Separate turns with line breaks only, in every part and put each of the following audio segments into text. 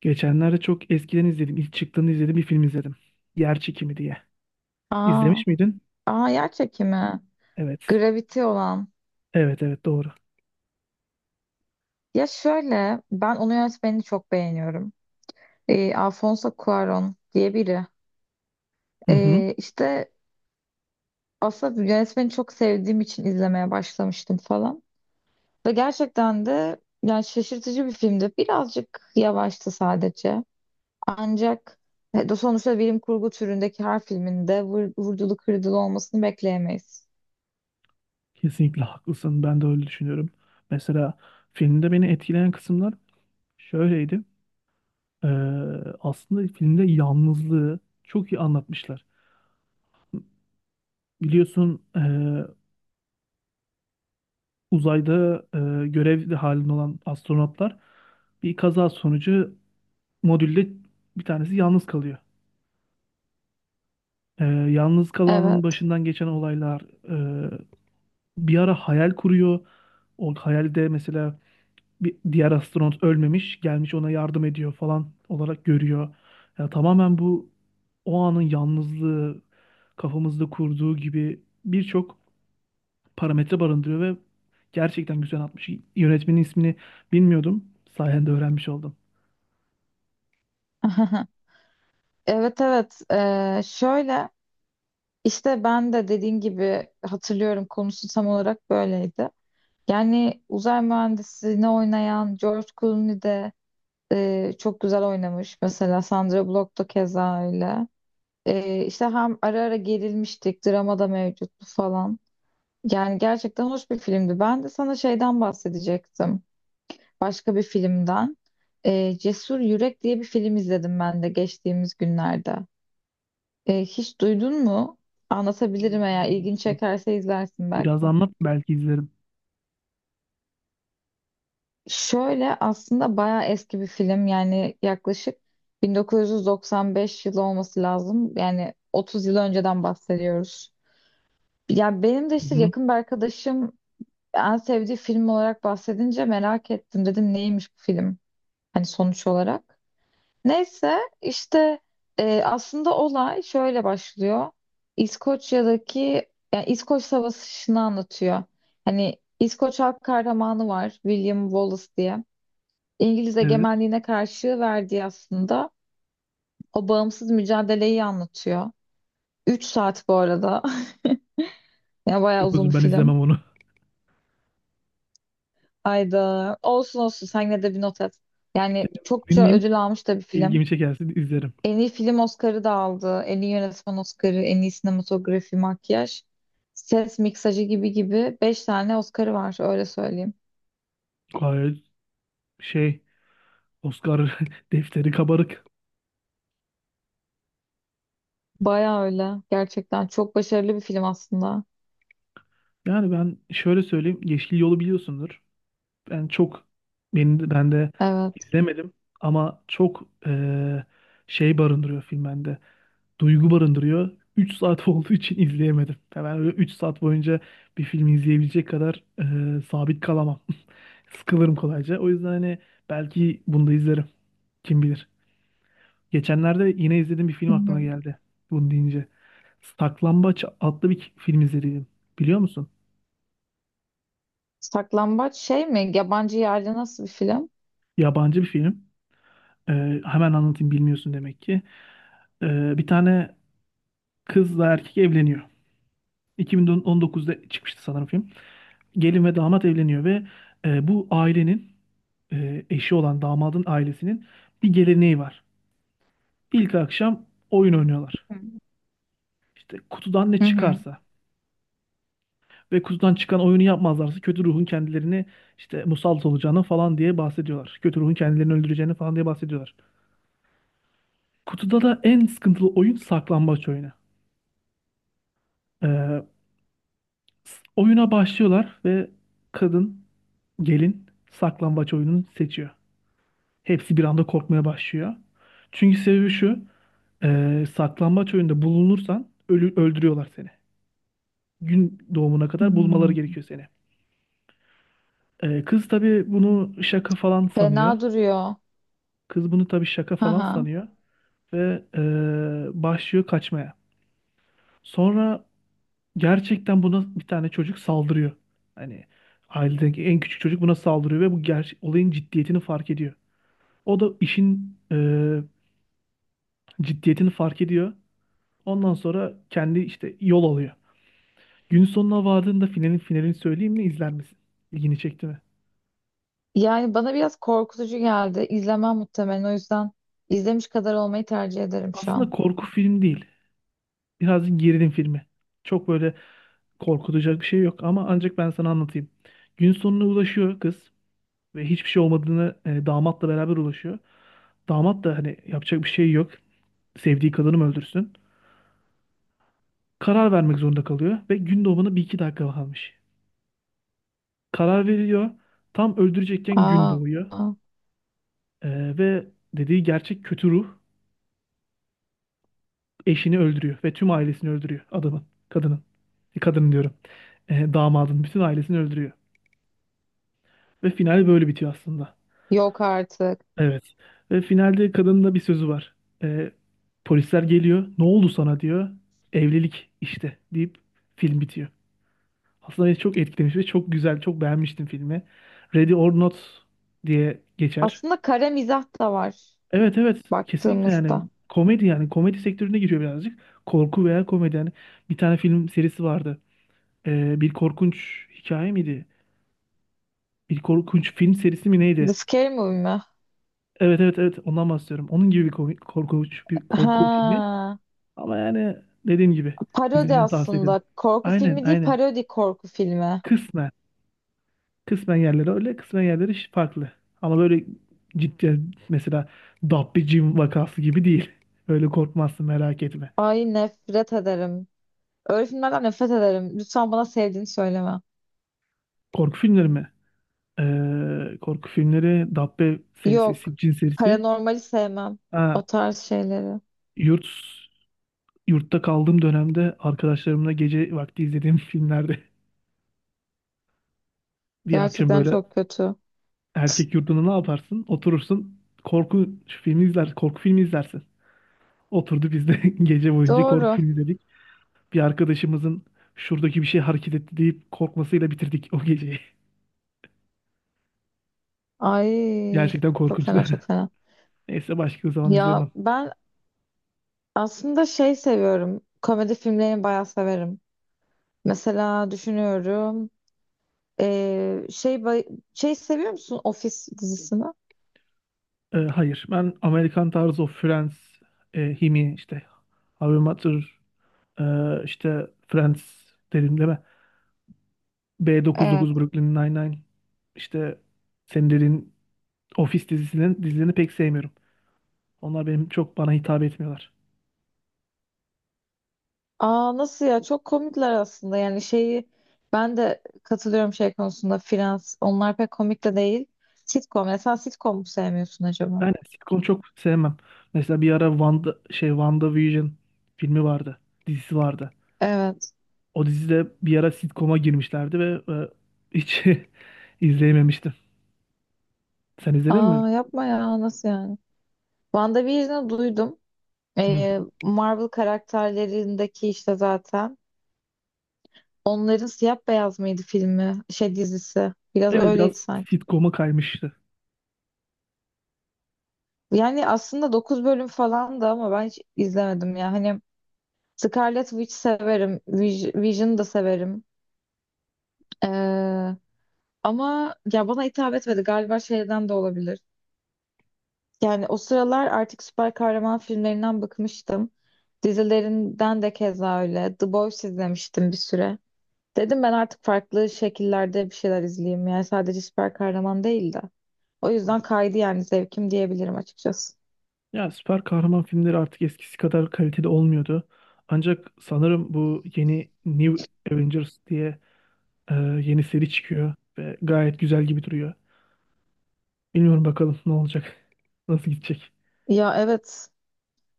Geçenlerde çok eskiden izledim. İlk çıktığını izlediğim bir film izledim. Yer çekimi diye.
Aa,
İzlemiş miydin?
yer çekimi.
Evet.
Gravity olan.
Evet, evet, doğru.
Ya şöyle ben onun yönetmenini çok beğeniyorum. Alfonso Cuarón diye biri.
Hı hı.
Ee, işte aslında yönetmeni çok sevdiğim için izlemeye başlamıştım falan. Ve gerçekten de yani şaşırtıcı bir filmdi. Birazcık yavaştı sadece. Ancak de sonuçta bilim kurgu türündeki her filminde vurdulu kırdılı olmasını bekleyemeyiz.
Kesinlikle haklısın. Ben de öyle düşünüyorum. Mesela filmde beni etkileyen kısımlar şöyleydi. Ee, aslında filmde yalnızlığı çok iyi anlatmışlar. Biliyorsun, uzayda görev halinde olan astronotlar, bir kaza sonucu modülde bir tanesi yalnız kalıyor. Ee, yalnız kalanın
Evet.
başından geçen olaylar, e, bir ara hayal kuruyor. O hayalde mesela bir diğer astronot ölmemiş, gelmiş ona yardım ediyor falan olarak görüyor. Ya tamamen bu, o anın yalnızlığı kafamızda kurduğu gibi birçok parametre barındırıyor ve gerçekten güzel atmış. Yönetmenin ismini bilmiyordum. Sayende öğrenmiş oldum.
Evet, evet. Şöyle İşte ben de dediğin gibi hatırlıyorum, konusu tam olarak böyleydi. Yani uzay mühendisliğini oynayan George Clooney de çok güzel oynamış. Mesela Sandra Bullock da keza öyle. Hem ara ara gerilmiştik, drama da mevcuttu falan. Yani gerçekten hoş bir filmdi. Ben de sana şeyden bahsedecektim. Başka bir filmden. Cesur Yürek diye bir film izledim ben de geçtiğimiz günlerde. Hiç duydun mu?
Hayır,
Anlatabilirim, eğer ilgin
duymamıştım.
çekerse izlersin
Biraz
belki.
anlat, belki izlerim.
Şöyle aslında bayağı eski bir film, yani yaklaşık 1995 yılı olması lazım. Yani 30 yıl önceden bahsediyoruz. Ya benim de
Hı
işte
hı.
yakın bir arkadaşım en sevdiği film olarak bahsedince merak ettim. Dedim, neymiş bu film? Hani sonuç olarak. Neyse işte aslında olay şöyle başlıyor. İskoçya'daki, yani İskoç Savaşı'nı anlatıyor. Hani İskoç halk kahramanı var, William Wallace diye. İngiliz
Evet,
egemenliğine karşı verdiği aslında o bağımsız mücadeleyi anlatıyor. Üç saat bu arada. Yani bayağı
çok
uzun
uzun,
bir
ben
film.
izlemem onu.
Ayda olsun olsun sen yine de bir not et. Yani çokça
Dinleyeyim.
ödül almış da bir film.
İlgimi çekerse izlerim.
En iyi film Oscar'ı da aldı. En iyi yönetmen Oscar'ı, en iyi sinematografi, makyaj, ses miksajı gibi gibi 5 tane Oscar'ı var, öyle söyleyeyim.
Gayet şey, Oscar defteri kabarık.
Baya öyle. Gerçekten çok başarılı bir film aslında.
Yani ben şöyle söyleyeyim, Yeşil Yol'u biliyorsundur. Ben çok ben de
Evet.
izlemedim ama çok şey barındırıyor film bende. Duygu barındırıyor. 3 saat olduğu için izleyemedim. Ya, ben öyle 3 saat boyunca bir filmi izleyebilecek kadar sabit kalamam. Sıkılırım kolayca. O yüzden hani belki bunu da izlerim. Kim bilir. Geçenlerde yine izlediğim bir film
Hı
aklıma
hı.
geldi bunu deyince. Saklambaç adlı bir film izledim. Biliyor musun?
Saklambaç şey mi? Yabancı yerli, nasıl bir film?
Yabancı bir film. Hemen anlatayım, bilmiyorsun demek ki. Bir tane kızla erkek evleniyor. 2019'da çıkmıştı sanırım film. Gelin ve damat evleniyor ve bu ailenin, eşi olan damadın ailesinin bir geleneği var. İlk akşam oyun oynuyorlar.
Hı hı.
İşte, kutudan ne
Hı hı.
çıkarsa. Ve kutudan çıkan oyunu yapmazlarsa kötü ruhun kendilerini işte musallat olacağını falan diye bahsediyorlar. Kötü ruhun kendilerini öldüreceğini falan diye bahsediyorlar. Kutuda da en sıkıntılı oyun saklambaç oyunu. Ee, oyuna başlıyorlar ve kadın, gelin, saklambaç oyununu seçiyor. Hepsi bir anda korkmaya başlıyor. Çünkü sebebi şu: saklambaç oyunda bulunursan öldürüyorlar seni. Gün doğumuna
Hı
kadar bulmaları
hı.
gerekiyor seni. Kız tabii bunu şaka falan sanıyor.
Fena duruyor.
Kız bunu tabii şaka
Hı
falan
hı.
sanıyor ve başlıyor kaçmaya. Sonra gerçekten buna bir tane çocuk saldırıyor. Hani, ailedeki en küçük çocuk buna saldırıyor ve bu olayın ciddiyetini fark ediyor. O da işin ciddiyetini fark ediyor. Ondan sonra kendi işte yol alıyor. Gün sonuna vardığında, finalin finalini söyleyeyim mi, izler misin? İlgini çekti mi?
Yani bana biraz korkutucu geldi. İzlemem muhtemelen. O yüzden izlemiş kadar olmayı tercih ederim şu an.
Aslında korku film değil. Birazcık gerilim filmi. Çok böyle korkutacak bir şey yok ama ancak ben sana anlatayım. Gün sonuna ulaşıyor kız ve hiçbir şey olmadığını, damatla beraber ulaşıyor. Damat da hani yapacak bir şey yok. Sevdiği kadını mı öldürsün? Karar vermek zorunda kalıyor ve gün doğumuna bir iki dakika kalmış. Karar veriyor. Tam öldürecekken gün
Aa,
doğuyor. Ve dediği gerçek kötü ruh, eşini öldürüyor ve tüm ailesini öldürüyor adamın, kadının. Kadının diyorum. Damadın bütün ailesini öldürüyor. Ve final böyle bitiyor aslında.
yok artık.
Evet. Ve finalde kadının da bir sözü var. Ee, polisler geliyor. "Ne oldu sana?" diyor. "Evlilik işte," deyip film bitiyor. Aslında beni çok etkilemiş ve çok güzel, çok beğenmiştim filmi. Ready or Not diye geçer.
Aslında kara mizah da var
Evet, evet, kesinlikle. Yani
baktığımızda.
komedi, yani komedi sektörüne giriyor birazcık. Korku veya komedi, yani bir tane film serisi vardı. Bir korkunç hikaye miydi? Bir korkunç film serisi mi
The
neydi?
Scary Movie mi?
Evet, evet, evet, ondan bahsediyorum. Onun gibi bir korkunç bir korku filmi.
Ha.
Ama yani dediğim gibi,
Parodi
izlemeni tavsiye ederim.
aslında. Korku
Aynen,
filmi değil,
aynen.
parodi korku filmi.
Kısmen. Kısmen yerleri öyle, kısmen yerleri farklı. Ama böyle ciddi, mesela Dabbe Jim vakası gibi değil. Öyle korkmazsın, merak etme.
Ay nefret ederim. Öyle filmlerden nefret ederim. Lütfen bana sevdiğini söyleme.
Korku filmleri mi? Korku filmleri: Dabbe serisi,
Yok.
Siccin serisi.
Paranormali sevmem.
Ha,
O tarz şeyleri.
yurt yurtta kaldığım dönemde arkadaşlarımla gece vakti izlediğim filmlerde, bir akşam
Gerçekten
böyle.
çok kötü.
Erkek yurdunda ne yaparsın? Oturursun, korku filmi izler, korku filmi izlersin. Oturdu biz de gece boyunca korku
Doğru.
filmi izledik. Bir arkadaşımızın "şuradaki bir şey hareket etti" deyip korkmasıyla bitirdik o geceyi.
Ay,
Gerçekten
çok
korkunçtu.
fena, çok fena.
Neyse, başka zaman
Ya
izlemem.
ben aslında şey seviyorum. Komedi filmlerini bayağı severim. Mesela düşünüyorum. Ee, şey bay- şey seviyor musun Office dizisini?
Hayır, ben Amerikan tarzı o Friends, Himi işte How I Met Your, işte Friends dedim, değil mi?
Evet.
B99, Brooklyn Nine-Nine, işte senin dediğin Office dizisinin dizilerini pek sevmiyorum. Onlar benim çok, bana hitap etmiyorlar.
Aa nasıl ya, çok komikler aslında. Yani şeyi ben de katılıyorum şey konusunda, Frans onlar pek komik de değil. Sitcom, ya sen sitcom mu sevmiyorsun acaba?
Yani sitcom çok sevmem. Mesela bir ara WandaVision filmi vardı. Dizisi vardı.
Evet.
O dizide bir ara sitcom'a girmişlerdi ve hiç izleyememiştim. Sen izledin mi?
Aa, yapma ya, nasıl yani? WandaVision'ı duydum.
Hı-hı.
Marvel karakterlerindeki işte zaten. Onların siyah beyaz mıydı filmi? Şey, dizisi. Biraz
Evet, biraz
öyleydi sanki.
sitcom'a kaymıştı.
Yani aslında 9 bölüm falan da, ama ben hiç izlemedim ya. Hani Scarlet Witch severim. Vision'ı da severim. Ee, Ama ya bana hitap etmedi. Galiba şeyden de olabilir. Yani o sıralar artık süper kahraman filmlerinden bıkmıştım. Dizilerinden de keza öyle. The Boys izlemiştim bir süre. Dedim ben artık farklı şekillerde bir şeyler izleyeyim. Yani sadece süper kahraman değil de. O yüzden kaydı yani zevkim, diyebilirim açıkçası.
Ya, süper kahraman filmleri artık eskisi kadar kaliteli olmuyordu. Ancak sanırım bu yeni New Avengers diye yeni seri çıkıyor ve gayet güzel gibi duruyor. Bilmiyorum, bakalım ne olacak, nasıl gidecek.
Ya evet.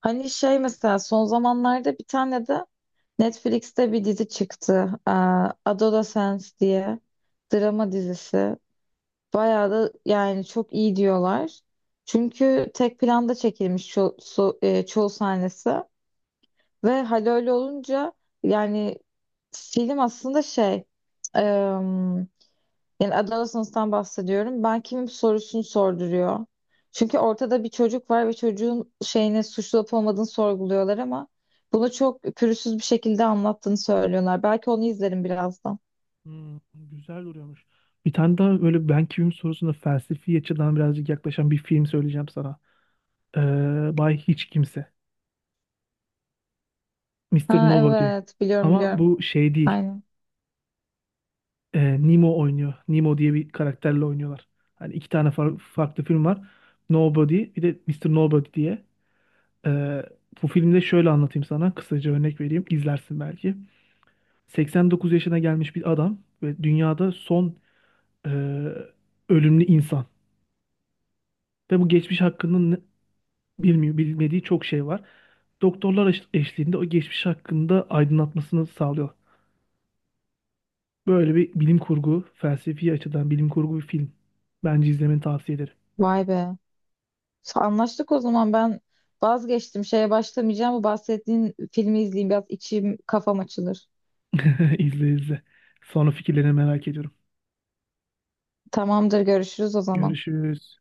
Hani şey, mesela son zamanlarda bir tane de Netflix'te bir dizi çıktı. Adolescence diye. Drama dizisi. Bayağı da yani çok iyi diyorlar. Çünkü tek planda çekilmiş çoğu sahnesi ve hal öyle olunca yani film aslında em, yani Adolescence'dan bahsediyorum. Ben kimim sorusunu sorduruyor. Çünkü ortada bir çocuk var ve çocuğun şeyini, suçlu olup olmadığını sorguluyorlar, ama bunu çok pürüzsüz bir şekilde anlattığını söylüyorlar. Belki onu izlerim birazdan.
Güzel duruyormuş. Bir tane daha böyle, "ben kimim?" sorusuna felsefi açıdan birazcık yaklaşan bir film söyleyeceğim sana. Bay Hiç Kimse. Mister
Ha
Nobody.
evet, biliyorum
Ama
biliyorum.
bu şey değil.
Aynen.
Nemo oynuyor. Nemo diye bir karakterle oynuyorlar. Hani iki tane farklı film var: Nobody bir de Mister Nobody diye. Ee, bu filmde şöyle anlatayım sana. Kısaca örnek vereyim, İzlersin belki. 89 yaşına gelmiş bir adam ve dünyada son e, ölümlü insan. Ve bu geçmiş hakkında bilmiyor, bilmediği çok şey var. Doktorlar eşliğinde o geçmiş hakkında aydınlatmasını sağlıyor. Böyle bir bilim kurgu, felsefi açıdan bilim kurgu bir film. Bence izlemeni tavsiye ederim.
Vay be. Anlaştık o zaman. Ben vazgeçtim. Şeye başlamayacağım. Bu bahsettiğin filmi izleyeyim. Biraz içim kafam açılır.
İzle, izle. Sonra fikirlerini merak ediyorum.
Tamamdır, görüşürüz o zaman.
Görüşürüz.